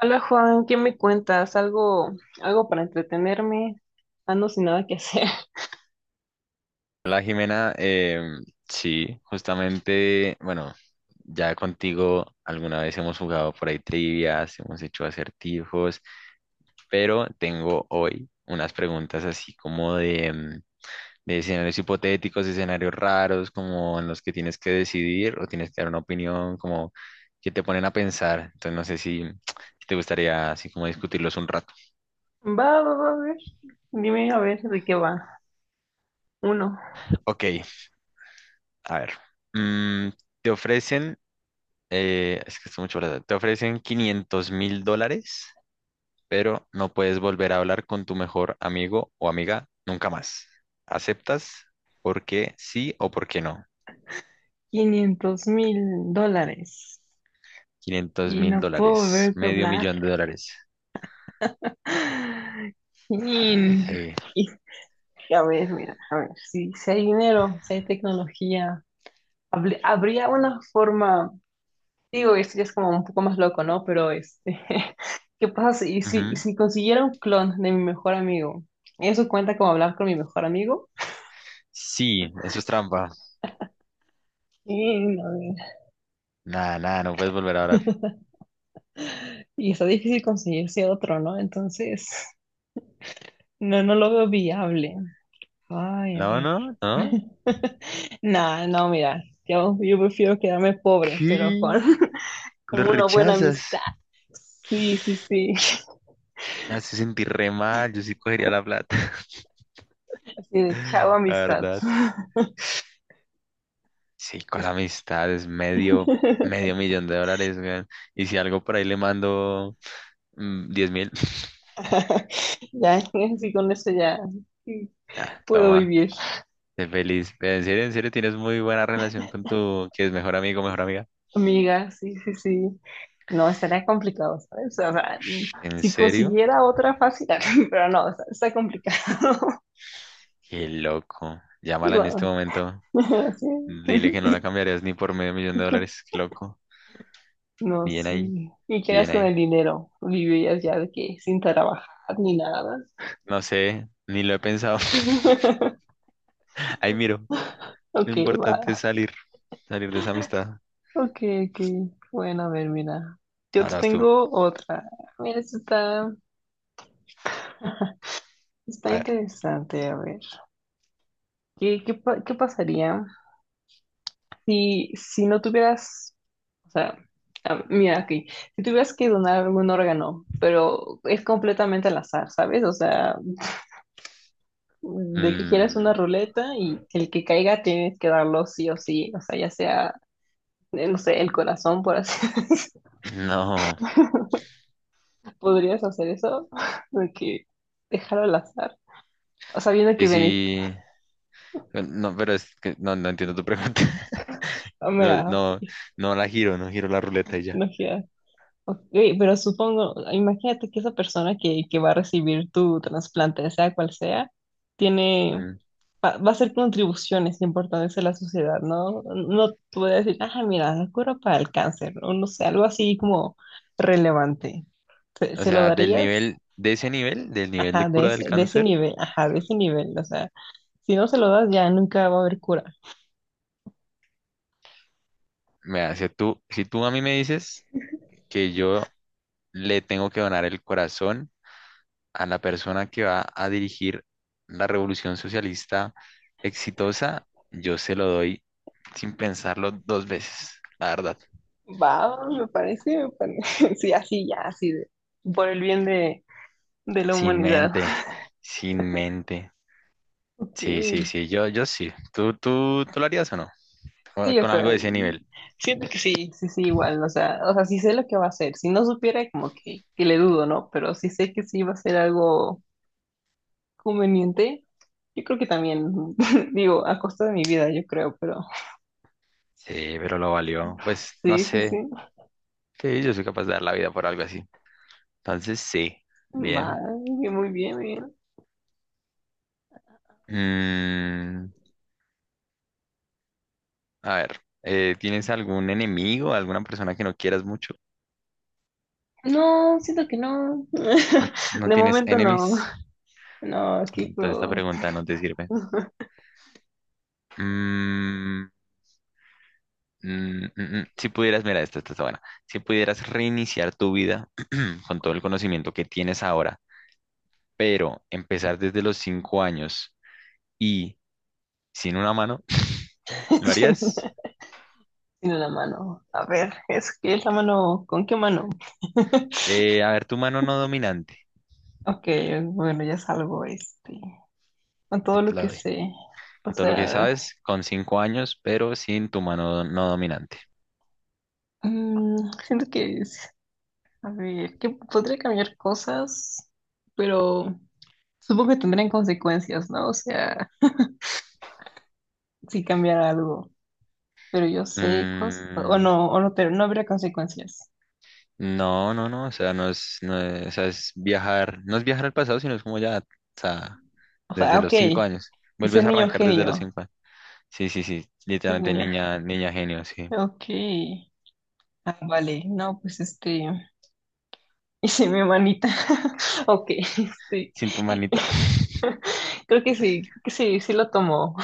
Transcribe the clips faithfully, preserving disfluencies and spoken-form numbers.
Hola Juan, ¿qué me cuentas? ¿Algo, algo para entretenerme? Ando sin nada que hacer. Hola Jimena, Em, sí, justamente, bueno, ya contigo alguna vez hemos jugado por ahí trivias, hemos hecho acertijos, pero tengo hoy unas preguntas así como de, em, de escenarios hipotéticos, escenarios raros, como en los que tienes que decidir o tienes que dar una opinión, como que te ponen a pensar. Entonces no sé si, si te gustaría así como discutirlos un rato. Va, va, va, a ver. Dime a ver de qué va. Uno, Ok, a ver, mm, te ofrecen, eh, es que es mucho plata. Te ofrecen quinientos mil dólares, pero no puedes volver a hablar con tu mejor amigo o amiga nunca más. ¿Aceptas? ¿Por qué sí o por qué no? quinientos mil dólares. Quinientos Y mil no puedo dólares, volver a medio hablar. millón de dólares. Chin. Sí. Y, a ver, mira, a ver, si, si hay dinero, si hay tecnología, habl- habría una forma. Digo, esto ya es como un poco más loco, ¿no? Pero este, ¿qué pasa si, si, Ujú. si consiguiera un clon de mi mejor amigo? ¿Eso cuenta como hablar con mi mejor amigo? Sí, eso es trampa. Y, no, Nada, nada, no puedes volver a hablar. y está difícil conseguirse otro, ¿no? Entonces, no, no lo veo viable. Ay, a No, ver. no, no. Nah, no, mira, yo, yo prefiero quedarme pobre, pero con, ¿Qué? ¿Lo con una buena rechazas? amistad. Sí, sí, sí. Me hace sentir re mal, yo sí cogería la plata. Así de chavo La amistad. verdad. Sí, con amistades, medio, medio millón de dólares, weón. Y si algo por ahí le mando mm, diez mil, Ya, así con eso ya sí, ya, puedo toma, vivir, sé feliz. Pero en serio, en serio, tienes muy buena relación con tu, que es mejor amigo, mejor amiga. amiga, sí, sí, sí. No, estaría complicado, ¿sabes? O sea, Ush, ¿en si serio? consiguiera otra fácil, pero no, está, está complicado. Qué loco. Y Llámala en este bueno, momento. Dile que no sí. la cambiarías ni por medio millón de dólares. Qué loco. No, Bien ahí, sí. ¿Y qué harías bien con ahí. el dinero? ¿Vivirías ya de que sin trabajar ni nada? No sé, ni lo he pensado. Ahí miro. Lo Ok, importante es va. salir, salir de esa amistad. Ok, ok. Bueno, a ver, mira. Yo te Ahora vas tú. tengo otra. Mira, esta está, está A ver. interesante, a ver. ¿Qué, qué, pa- qué pasaría si, si no tuvieras, o sea, ah, mira aquí, si tuvieras que donar algún órgano, pero es completamente al azar, ¿sabes? O sea, de que quieras una Mm, ruleta y el que caiga tienes que darlo sí o sí, o sea, ya sea, eh, no sé, el corazón, por así decirlo. No, ¿Podrías hacer eso? De que dejarlo al azar, sabiendo y que venís. si... No, pero es que no, no entiendo tu pregunta. Ah, No, mira, no, ok, no la giro, no giro la ruleta y ya. no giras. Ok, pero supongo, imagínate que esa persona que, que va a recibir tu trasplante, sea cual sea, tiene, Mm. va, va a hacer contribuciones importantes a la sociedad, ¿no? No te voy a decir, ah, mira, la cura para el cáncer, o no sé, algo así como relevante. ¿Se, O se lo sea, del darías? nivel, de ese nivel, del nivel de Ajá, de cura del ese, de ese cáncer, nivel, ajá, de ese nivel, o sea, si no se lo das ya nunca va a haber cura. me hace tú, si tú a mí me dices que yo le tengo que donar el corazón a la persona que va a dirigir la revolución socialista exitosa, yo se lo doy sin pensarlo dos veces, la verdad, Va, me parece, me parece, sí, así, ya, así, de- por el bien de, de la sin humanidad. mente, sin mente. Ok. Sí, sí, sí, yo, yo sí. ¿Tú, tú, tú lo harías o no? O- Sí, o Con sea, algo de ese nivel. siento que sí, sí, sí, igual, o sea, o sea, sí sé lo que va a hacer. Si no supiera, como que, que le dudo, ¿no? Pero sí sé que sí va a ser algo conveniente. Yo creo que también, digo, a costa de mi vida, yo creo, pero Sí, pero lo valió. Pues no sí, sí, sé. sí. Sí, yo soy capaz de dar la vida por algo así. Entonces, sí. Va, Bien. muy bien, muy bien. Mm, a ver, eh, ¿tienes algún enemigo, alguna persona que no quieras mucho? No, siento que no. ¿No, no De tienes momento no. enemies? No, aquí Entonces esta pero pregunta no te sirve. Mm, mm, mm, mm. Si pudieras, mira, esta, esta está buena. Si pudieras reiniciar tu vida con todo el conocimiento que tienes ahora pero empezar desde los cinco años y sin una mano, ¿lo Tiene harías? una tiene una mano. A ver, es que es la mano. ¿Con qué mano? Eh, a ver, tu mano no dominante, Ok, bueno, ya salgo este. Con que todo te lo la que doy. sé. O Con todo lo que sea, sabes, con cinco años, pero sin tu mano no dominante. mm, siento que es, a ver, que podría cambiar cosas, pero supongo que tendrían consecuencias, ¿no? O sea, si cambiara algo, pero yo sé cosas, o Mm, no, o no, pero no habría consecuencias. no, no, no, o sea, no es, no es- o sea, es viajar, no es viajar al pasado, sino es como ya, o sea, O sea, desde ok, los cinco años. y ser Vuelves a niño arrancar desde los genio, cinco años. Sí, sí, sí, ser literalmente niño niña, niña genio, sí. genio, ok. Ah, vale, no, pues este, hice mi manita. Ok, este, Sin tu manita. creo que sí, creo que sí, sí lo tomo.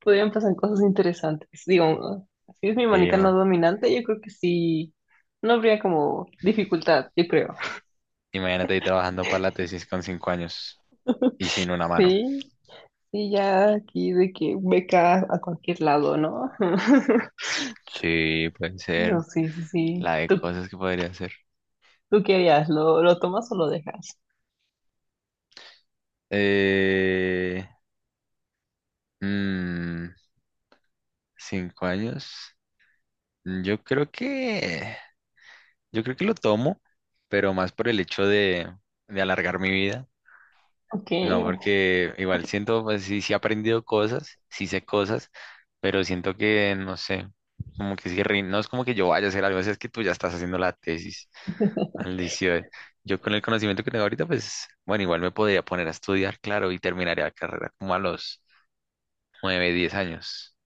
Podrían pasar cosas interesantes. Digo, si es mi Sí, manica no man. dominante, yo creo que sí, no habría como dificultad, yo creo. Imagínate ahí trabajando para la tesis con cinco años. Y sin una mano. Sí, sí, ya aquí de que beca a cualquier lado, ¿no? Sí, puede No, ser. sí, sí, sí. La de ¿Tú, cosas que podría hacer. tú qué harías? ¿Lo, lo tomas o lo dejas? Eh, mm, cinco años. Mm, Yo creo que, yo creo que lo tomo, pero más por el hecho de, de alargar mi vida. Ok, No, porque igual siento, pues sí, sí he aprendido cosas, sí sé cosas, pero siento que, no sé, como que sí, rin- no es como que yo vaya a hacer algo, es que tú ya estás haciendo la tesis. Maldición. Yo con el conocimiento que tengo ahorita, pues, bueno, igual me podría poner a estudiar, claro, y terminaría la carrera como a los nueve, diez años.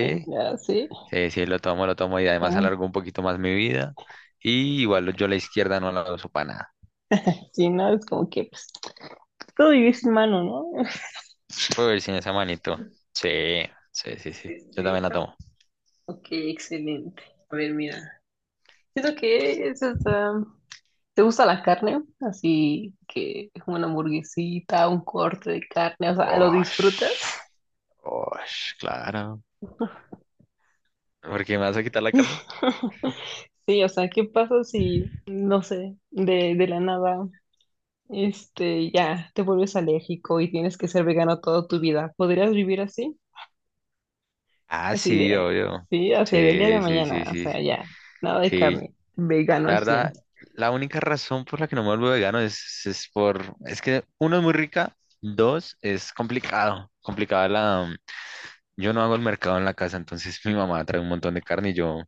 ok, ya, sí. sí, sí, lo tomo, lo tomo y Ya, además no- alargo un poquito más mi vida. Y igual yo la izquierda no la uso para nada. sí, no, es como que, pues, todo vivir sin mano, ¿no? Fue ver sin esa manito. Sí, sí, sí, sí. Sí, Yo también sí. la ¿No? tomo. Ok, excelente. A ver, mira. Siento que eso está. ¿Te gusta la carne? Así que una hamburguesita, un corte de carne, o sea, ¿lo Osh, disfrutas? osh, claro. ¿Por qué me vas a quitar la carne? Sí, o sea, ¿qué pasa si, no sé, de, de la nada, este, ya te vuelves alérgico y tienes que ser vegano toda tu vida? ¿Podrías vivir así? Ah, ¿Así sí, de, obvio. sí, así del día de Sí, sí, mañana, sí, o sí. sea, ya, nada de Sí, carne, vegano la al cien? verdad, la única razón por la que no me vuelvo vegano es, es por, es que uno es muy rica, dos es complicado, complicada la, mm, yo no hago el mercado en la casa, entonces mi mamá trae un montón de carne y yo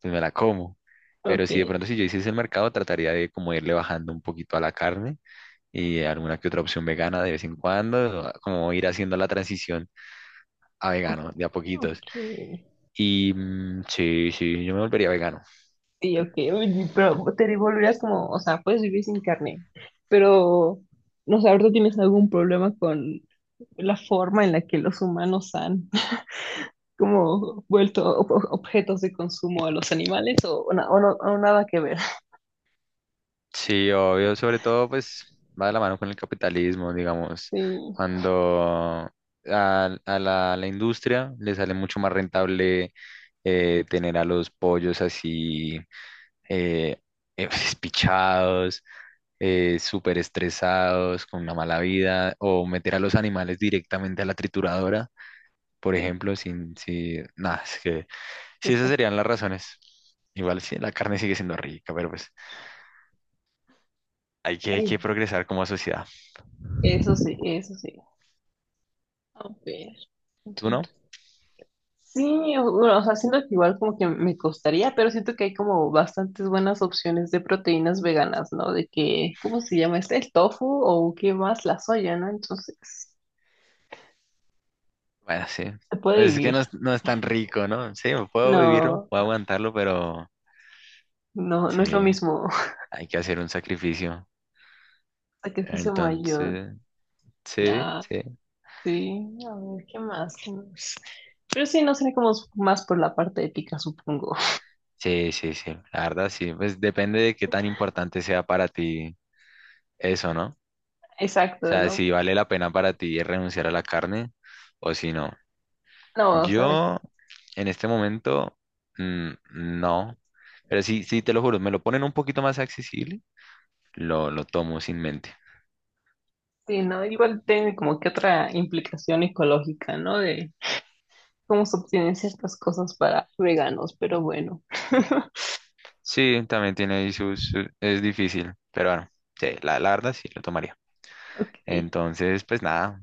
pues me la como. Pero Ok, si de pronto si yo hiciese el mercado, trataría de como irle bajando un poquito a la carne y alguna que otra opción vegana de vez en cuando, ah, como ir haciendo la transición a o- vegano de a poquitos. ok. Y mm, sí, sí, yo me volvería vegano. Sí, ok, uy, sí, pero te volverías como, o sea, puedes vivir sin carne, pero no sé, ahorita tienes algún problema con la forma en la que los humanos han como vuelto ob- ob- objetos de consumo a los animales o, o na- o no, o nada que ver. Sí, obvio, sobre todo pues va de la mano con el capitalismo, digamos, Sí, cuando a, a la, a la industria le sale mucho más rentable eh, tener a los pollos así eh, eh, espichados, eh, súper estresados, con una mala vida, o meter a los animales directamente a la trituradora, por sí, ejemplo, sin, si, nada, es que sí, esas está serían las razones. Igual sí, la carne sigue siendo rica, pero pues hay que, hay ahí. que progresar como sociedad. Eso sí, eso sí. A ver. ¿Tú no? Sí, o bueno, o sea, siento que igual como que me costaría, pero siento que hay como bastantes buenas opciones de proteínas veganas, ¿no? De que, ¿cómo se llama este? El tofu o qué más, la soya, ¿no? Entonces, Bueno, sí. se puede Pues es que vivir. no, es no es tan rico, ¿no? Sí, puedo vivirlo, No, puedo aguantarlo, pero no, no es lo sí, mismo. hay que hacer un sacrificio. Sacrificio mayor. Entonces, sí, Ah, sí, sí, a ver, ¿qué más? ¿Qué más? Pero sí, no sería como más por la parte ética, supongo. sí, sí, sí. La verdad, sí. Pues depende de qué tan importante sea para ti eso, ¿no? O Exacto, sea, ¿no? si vale la pena para ti renunciar a la carne o si no. No, o sea, Yo, en este momento, mm, no. Pero sí, sí, te lo juro, me lo ponen un poquito más accesible, lo, lo tomo sin mente. sí, ¿no? Igual tiene como que otra implicación ecológica, ¿no? De cómo se obtienen ciertas cosas para veganos, pero bueno. Sí, también tiene ahí sus, su- es difícil, pero bueno, sí, la, la verdad sí lo tomaría. Ok. Entonces, pues nada,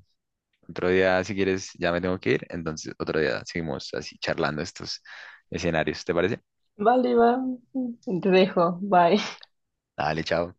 otro día si quieres ya me tengo que ir, entonces otro día seguimos así charlando estos escenarios, ¿te parece? Vale, va. Te dejo. Bye. Dale, chao.